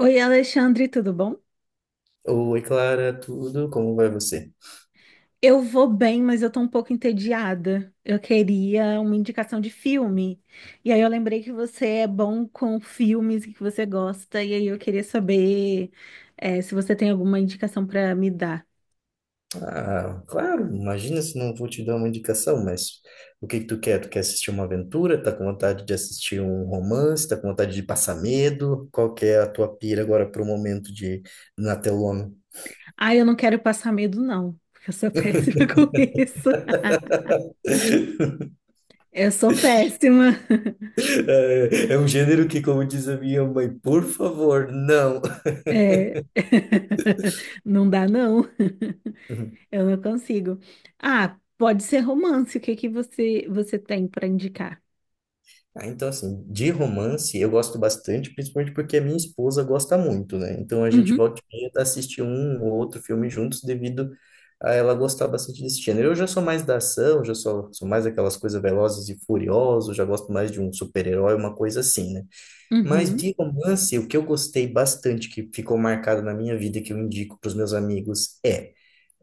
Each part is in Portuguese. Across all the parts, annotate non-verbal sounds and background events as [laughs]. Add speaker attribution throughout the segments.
Speaker 1: Oi, Alexandre, tudo bom?
Speaker 2: Oi, Clara, tudo? Como vai você?
Speaker 1: Eu vou bem, mas eu tô um pouco entediada. Eu queria uma indicação de filme. E aí eu lembrei que você é bom com filmes e que você gosta, e aí eu queria saber, se você tem alguma indicação pra me dar.
Speaker 2: Ah, claro, imagina se não vou te dar uma indicação, mas o que que tu quer? Tu quer assistir uma aventura? Tá com vontade de assistir um romance? Tá com vontade de passar medo? Qual que é a tua pira agora pro momento de na telona?
Speaker 1: Ah, eu não quero passar medo, não, porque eu sou [laughs] péssima com isso.
Speaker 2: [laughs]
Speaker 1: Eu sou péssima.
Speaker 2: É, é um gênero que, como diz a minha mãe, por favor, não.
Speaker 1: É. [laughs] Não dá, não.
Speaker 2: [laughs]
Speaker 1: [laughs] Eu não consigo. Ah, pode ser romance. O que que você tem pra indicar?
Speaker 2: Ah, então, assim, de romance eu gosto bastante, principalmente porque a minha esposa gosta muito, né? Então a gente
Speaker 1: Uhum,
Speaker 2: volta e meia assistir um ou outro filme juntos devido a ela gostar bastante desse gênero. Eu já sou mais da ação, sou mais aquelas coisas velozes e furiosas, já gosto mais de um super-herói, uma coisa assim, né? Mas
Speaker 1: uhum,
Speaker 2: de romance, o que eu gostei bastante, que ficou marcado na minha vida, e que eu indico para os meus amigos, é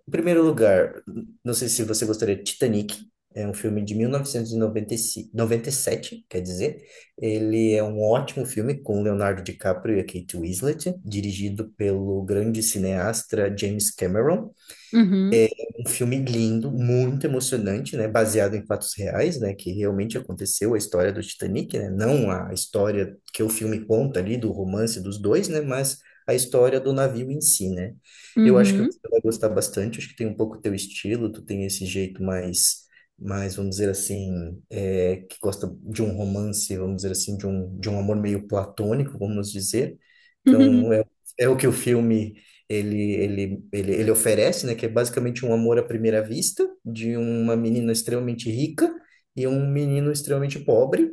Speaker 2: em primeiro lugar, não sei se você gostaria, de Titanic. É um filme de mil novecentos e noventa e cinco, noventa e sete, quer dizer, ele é um ótimo filme com Leonardo DiCaprio e a Kate Winslet, dirigido pelo grande cineasta James Cameron,
Speaker 1: uhum,
Speaker 2: um filme lindo, muito emocionante, né? Baseado em fatos reais, né? Que realmente aconteceu a história do Titanic, né? Não a história que o filme conta ali do romance dos dois, né? Mas a história do navio em si, né? Eu acho que
Speaker 1: uhum,
Speaker 2: você vai gostar bastante. Acho que tem um pouco teu estilo. Tu tem esse jeito mais, mais, vamos dizer assim, é, que gosta de um romance, vamos dizer assim, de um amor meio platônico, vamos dizer. Então
Speaker 1: uhum,
Speaker 2: é, é o que o filme ele oferece, né, que é basicamente um amor à primeira vista de uma menina extremamente rica e um menino extremamente pobre,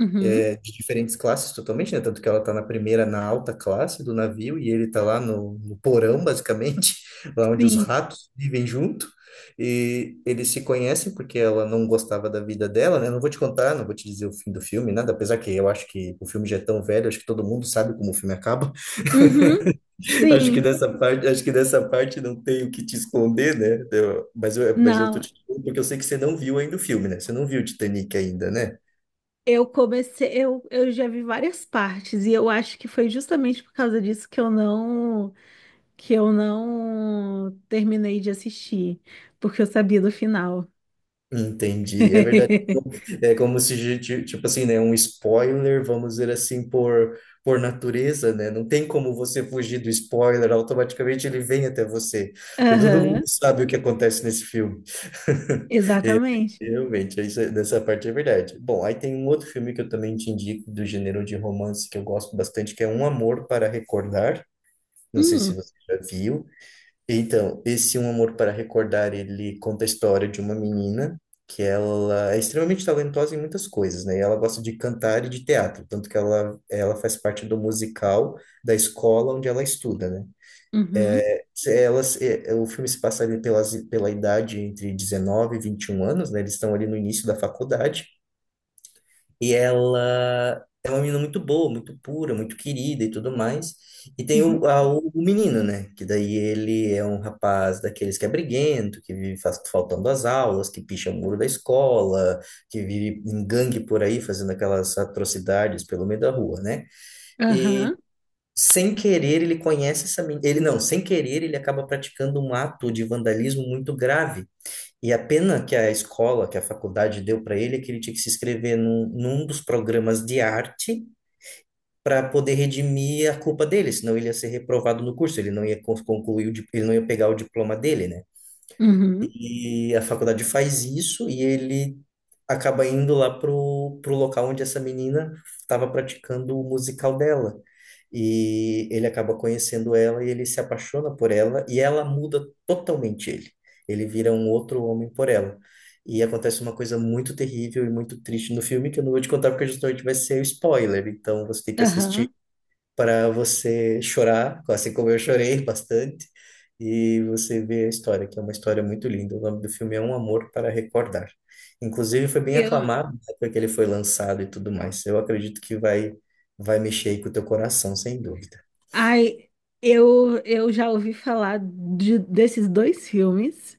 Speaker 1: uhum,
Speaker 2: é, de diferentes classes totalmente, né, tanto que ela tá na primeira, na alta classe do navio e ele tá lá no porão, basicamente, [laughs] lá onde os
Speaker 1: sim.
Speaker 2: ratos vivem junto. E eles se conhecem porque ela não gostava da vida dela, né? Não vou te contar, não vou te dizer o fim do filme, nada, apesar que eu acho que o filme já é tão velho, acho que todo mundo sabe como o filme acaba.
Speaker 1: Uhum.
Speaker 2: [laughs] Acho que
Speaker 1: Sim,
Speaker 2: dessa parte, acho que dessa parte não tem o que te esconder, né? Mas eu tô
Speaker 1: não,
Speaker 2: te falando porque eu sei que você não viu ainda o filme, né? Você não viu o Titanic ainda, né?
Speaker 1: eu comecei, eu já vi várias partes e eu acho que foi justamente por causa disso que eu não terminei de assistir, porque eu sabia do final.
Speaker 2: Entendi. É verdade.
Speaker 1: [laughs]
Speaker 2: É como se, tipo assim, né, um spoiler, vamos dizer assim, por natureza, né? Não tem como você fugir do spoiler, automaticamente ele vem até você. E todo mundo
Speaker 1: Aham,
Speaker 2: sabe o que acontece nesse filme. [laughs] É,
Speaker 1: exatamente.
Speaker 2: realmente, isso, é- dessa parte é verdade. Bom, aí tem um outro filme que eu também te indico, do gênero de romance, que eu gosto bastante, que é Um Amor para Recordar. Não sei se
Speaker 1: Hum,
Speaker 2: você já viu. Então, esse Um Amor para Recordar, ele conta a história de uma menina que ela é extremamente talentosa em muitas coisas, né? E ela gosta de cantar e de teatro, tanto que ela faz parte do musical da escola onde ela estuda, né?
Speaker 1: Uhum,
Speaker 2: Se Elas, o filme se passa ali pelas, pela idade entre 19 e 21 anos, né? Eles estão ali no início da faculdade, e ela é uma menina muito boa, muito pura, muito querida e tudo mais. E tem
Speaker 1: uhum,
Speaker 2: o menino, né? Que daí ele é um rapaz daqueles que é briguento, que vive faltando às aulas, que picha o muro da escola, que vive em gangue por aí, fazendo aquelas atrocidades pelo meio da rua, né? E
Speaker 1: aham,
Speaker 2: sem querer ele conhece essa menina. Ele não, sem querer ele acaba praticando um ato de vandalismo muito grave e a pena que que a faculdade deu para ele é que ele tinha que se inscrever num dos programas de arte para poder redimir a culpa dele, senão ele ia ser reprovado no curso, ele não ia concluir, ele não ia pegar o diploma dele, né?
Speaker 1: uhum,
Speaker 2: E a faculdade faz isso e ele acaba indo lá pro local onde essa menina estava praticando o musical dela. E ele acaba conhecendo ela e ele se apaixona por ela e ela muda totalmente ele. Ele vira um outro homem por ela. E acontece uma coisa muito terrível e muito triste no filme que eu não vou te contar porque justamente vai ser spoiler. Então você tem que assistir
Speaker 1: aham.
Speaker 2: para você chorar, assim como eu chorei [laughs] bastante, e você ver a história, que é uma história muito linda. O nome do filme é Um Amor para Recordar. Inclusive foi bem
Speaker 1: Eu,
Speaker 2: aclamado na época que ele foi lançado e tudo mais. Eu acredito que vai mexer aí com o teu coração, sem dúvida.
Speaker 1: Ai, eu já ouvi falar desses dois filmes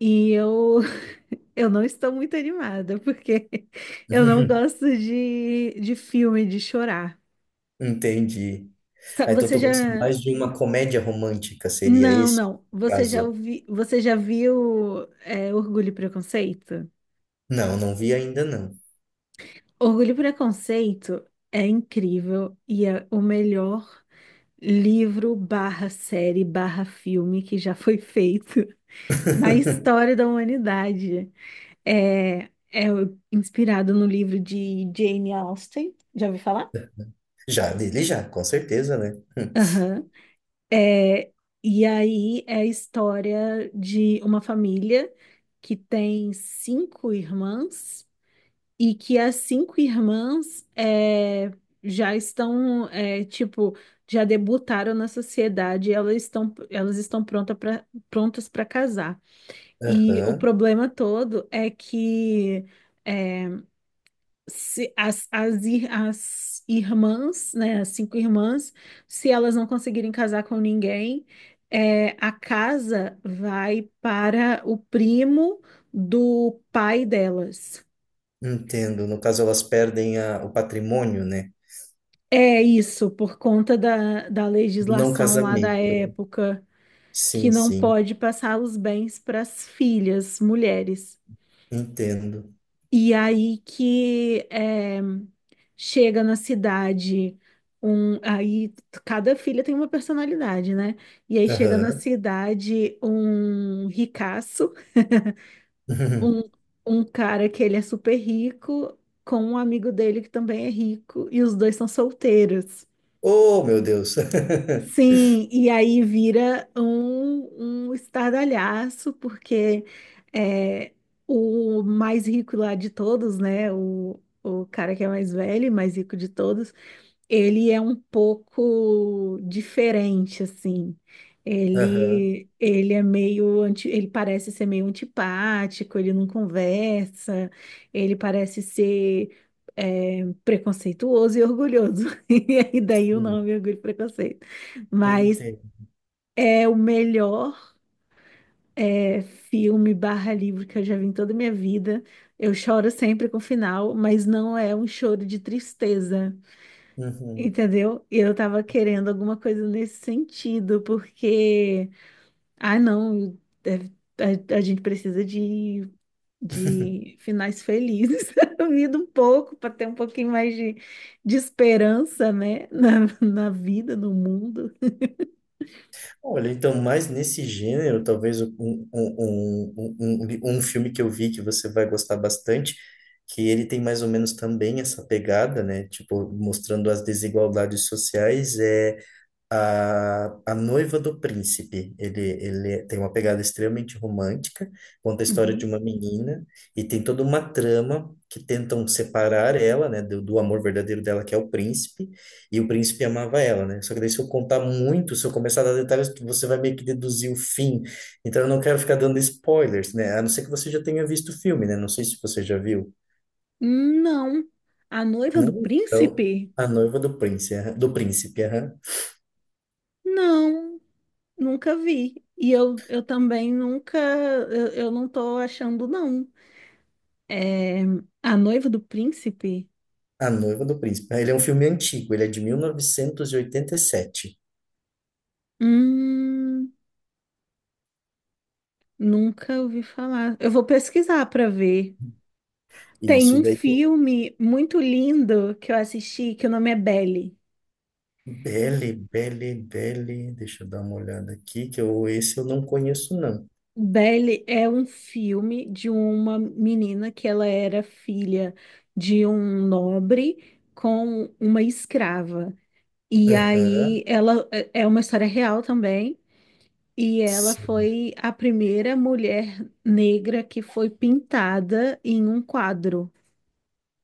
Speaker 1: e eu, [laughs] eu não estou muito animada, porque [laughs] eu não
Speaker 2: [laughs]
Speaker 1: gosto de filme, de chorar.
Speaker 2: Entendi. Ah, então
Speaker 1: Você
Speaker 2: tu gosta
Speaker 1: já.
Speaker 2: mais de uma comédia romântica, seria
Speaker 1: Não,
Speaker 2: esse
Speaker 1: não.
Speaker 2: o
Speaker 1: Você já
Speaker 2: caso?
Speaker 1: ouvi, você já viu Orgulho e Preconceito?
Speaker 2: Não, não vi ainda não.
Speaker 1: Orgulho e Preconceito é incrível e é o melhor livro barra série barra filme que já foi feito [laughs] na
Speaker 2: [laughs]
Speaker 1: história da humanidade. É, é inspirado no livro de Jane Austen. Já ouvi falar?
Speaker 2: Já, dele já, com certeza, né? [laughs]
Speaker 1: Aham. É, e aí é a história de uma família que tem cinco irmãs e que as cinco irmãs já estão, tipo, já debutaram na sociedade, elas estão prontas para casar. E o
Speaker 2: Aham.
Speaker 1: problema todo é que é, se as irmãs, né, as cinco irmãs, se elas não conseguirem casar com ninguém, é, a casa vai para o primo do pai delas.
Speaker 2: Entendo. No caso, elas perdem o patrimônio, né?
Speaker 1: É isso, por conta da, da
Speaker 2: Do não
Speaker 1: legislação lá da
Speaker 2: casamento.
Speaker 1: época, que
Speaker 2: Sim,
Speaker 1: não
Speaker 2: sim.
Speaker 1: pode passar os bens para as filhas, mulheres.
Speaker 2: Entendo.
Speaker 1: E aí que chega na cidade um, aí cada filha tem uma personalidade, né? E aí chega na
Speaker 2: Aham.
Speaker 1: cidade um ricaço, [laughs] um,
Speaker 2: [laughs]
Speaker 1: um cara que ele é super rico, com um amigo dele que também é rico, e os dois são solteiros.
Speaker 2: Oh, meu Deus. [laughs]
Speaker 1: Sim, e aí vira um estardalhaço, porque é, o mais rico lá de todos, né? O cara que é mais velho, e mais rico de todos, ele é um pouco diferente, assim.
Speaker 2: Aham.
Speaker 1: Ele é meio anti, ele parece ser meio antipático, ele não conversa, ele parece ser preconceituoso e orgulhoso. [laughs] E aí daí o
Speaker 2: Sim.
Speaker 1: nome Orgulho e Preconceito. Mas
Speaker 2: Entendo.
Speaker 1: é o melhor filme barra livro que eu já vi em toda a minha vida. Eu choro sempre com o final, mas não é um choro de tristeza.
Speaker 2: Uhum.
Speaker 1: Entendeu? E eu tava querendo alguma coisa nesse sentido, porque, ah, não, a gente precisa
Speaker 2: [laughs]
Speaker 1: de finais felizes [laughs] na vida um pouco, para ter um pouquinho mais de esperança, né, [laughs] na vida, no mundo.
Speaker 2: Olha, então, mais nesse gênero, talvez um filme que eu vi que você vai gostar bastante, que ele tem mais ou menos também essa pegada, né? Tipo, mostrando as desigualdades sociais, é A Noiva do Príncipe. Ele tem uma pegada extremamente romântica, conta a história de
Speaker 1: Uhum.
Speaker 2: uma menina e tem toda uma trama que tentam separar ela, né, do, do amor verdadeiro dela, que é o príncipe, e o príncipe amava ela, né? Só que daí se eu contar muito, se eu começar a dar detalhes, você vai meio que deduzir o fim. Então eu não quero ficar dando spoilers, né? A não ser que você já tenha visto o filme, né? Não sei se você já viu.
Speaker 1: Não, a noiva do
Speaker 2: Não? Então,
Speaker 1: príncipe?
Speaker 2: A Noiva do Príncipe, aham. do Príncipe, aham.
Speaker 1: Não, nunca vi. E eu, eu também nunca, eu não tô achando, não. É, a noiva do príncipe.
Speaker 2: A Noiva do Príncipe. Ah, ele é um filme antigo, ele é de 1987.
Speaker 1: Hum, nunca ouvi falar. Eu vou pesquisar para ver. Tem
Speaker 2: Isso, e
Speaker 1: um
Speaker 2: daí tem
Speaker 1: filme muito lindo que eu assisti, que o nome é Belle.
Speaker 2: Belle, Belle, Belle, deixa eu dar uma olhada aqui, que eu, esse eu não conheço, não.
Speaker 1: Belle é um filme de uma menina que ela era filha de um nobre com uma escrava. E aí
Speaker 2: Aham,
Speaker 1: ela é uma história real também. E ela foi a primeira mulher negra que foi pintada em um quadro.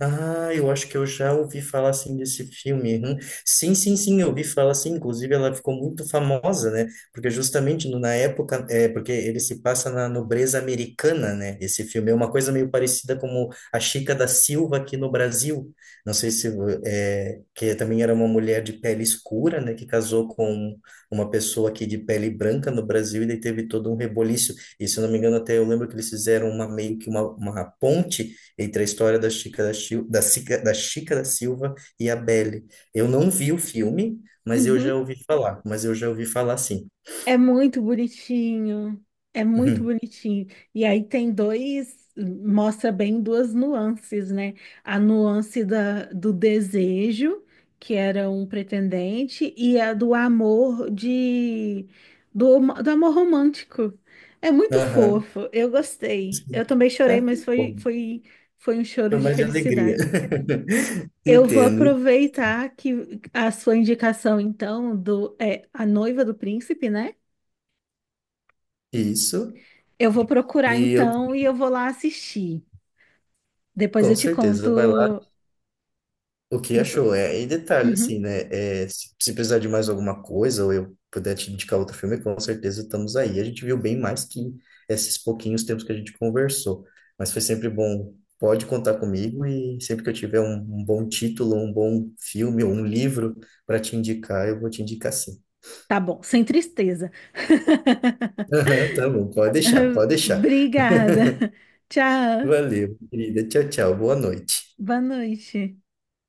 Speaker 2: ah, eu acho que eu já ouvi falar assim desse filme. Hum. Sim, sim, sim, eu ouvi falar assim. Inclusive, ela ficou muito famosa, né? Porque justamente na época, é porque ele se passa na nobreza americana, né? Esse filme é uma coisa meio parecida como a Chica da Silva aqui no Brasil. Não sei se é, que também era uma mulher de pele escura, né? Que casou com uma pessoa aqui de pele branca no Brasil e daí teve todo um reboliço. E se eu não me engano, até eu lembro que eles fizeram uma meio que uma ponte entre a história da Chica da Silva e a Belle. Eu não vi o filme, mas eu já
Speaker 1: Uhum.
Speaker 2: ouvi falar. Mas eu já ouvi falar sim.
Speaker 1: É muito bonitinho, é muito
Speaker 2: Uhum.
Speaker 1: bonitinho. E aí tem dois, mostra bem duas nuances, né? A nuance da, do desejo, que era um pretendente, e a do amor de, do amor romântico. É muito
Speaker 2: Aham.
Speaker 1: fofo, eu gostei. Eu também chorei,
Speaker 2: Ah, que
Speaker 1: mas
Speaker 2: bom.
Speaker 1: foi um
Speaker 2: Foi
Speaker 1: choro de
Speaker 2: mais de alegria.
Speaker 1: felicidade.
Speaker 2: [laughs]
Speaker 1: Eu vou
Speaker 2: Entendo.
Speaker 1: aproveitar que a sua indicação, então, A Noiva do Príncipe, né?
Speaker 2: Isso.
Speaker 1: Eu vou procurar
Speaker 2: E eu,
Speaker 1: então e eu vou lá assistir. Depois
Speaker 2: com
Speaker 1: eu te
Speaker 2: certeza, vai lá.
Speaker 1: conto.
Speaker 2: O que
Speaker 1: Depo-
Speaker 2: achou? É, e detalhe, assim,
Speaker 1: Uhum,
Speaker 2: né? É, se precisar de mais alguma coisa, ou eu puder te indicar outro filme, com certeza estamos aí. A gente viu bem mais que esses pouquinhos tempos que a gente conversou. Mas foi sempre bom. Pode contar comigo e sempre que eu tiver um bom título, um bom filme ou um livro para te indicar, eu vou te indicar sim.
Speaker 1: tá bom, sem tristeza. [laughs]
Speaker 2: [laughs] Aham, tá bom, pode deixar, pode deixar.
Speaker 1: Obrigada. Tchau.
Speaker 2: Valeu, querida. Tchau, tchau. Boa noite.
Speaker 1: Boa noite.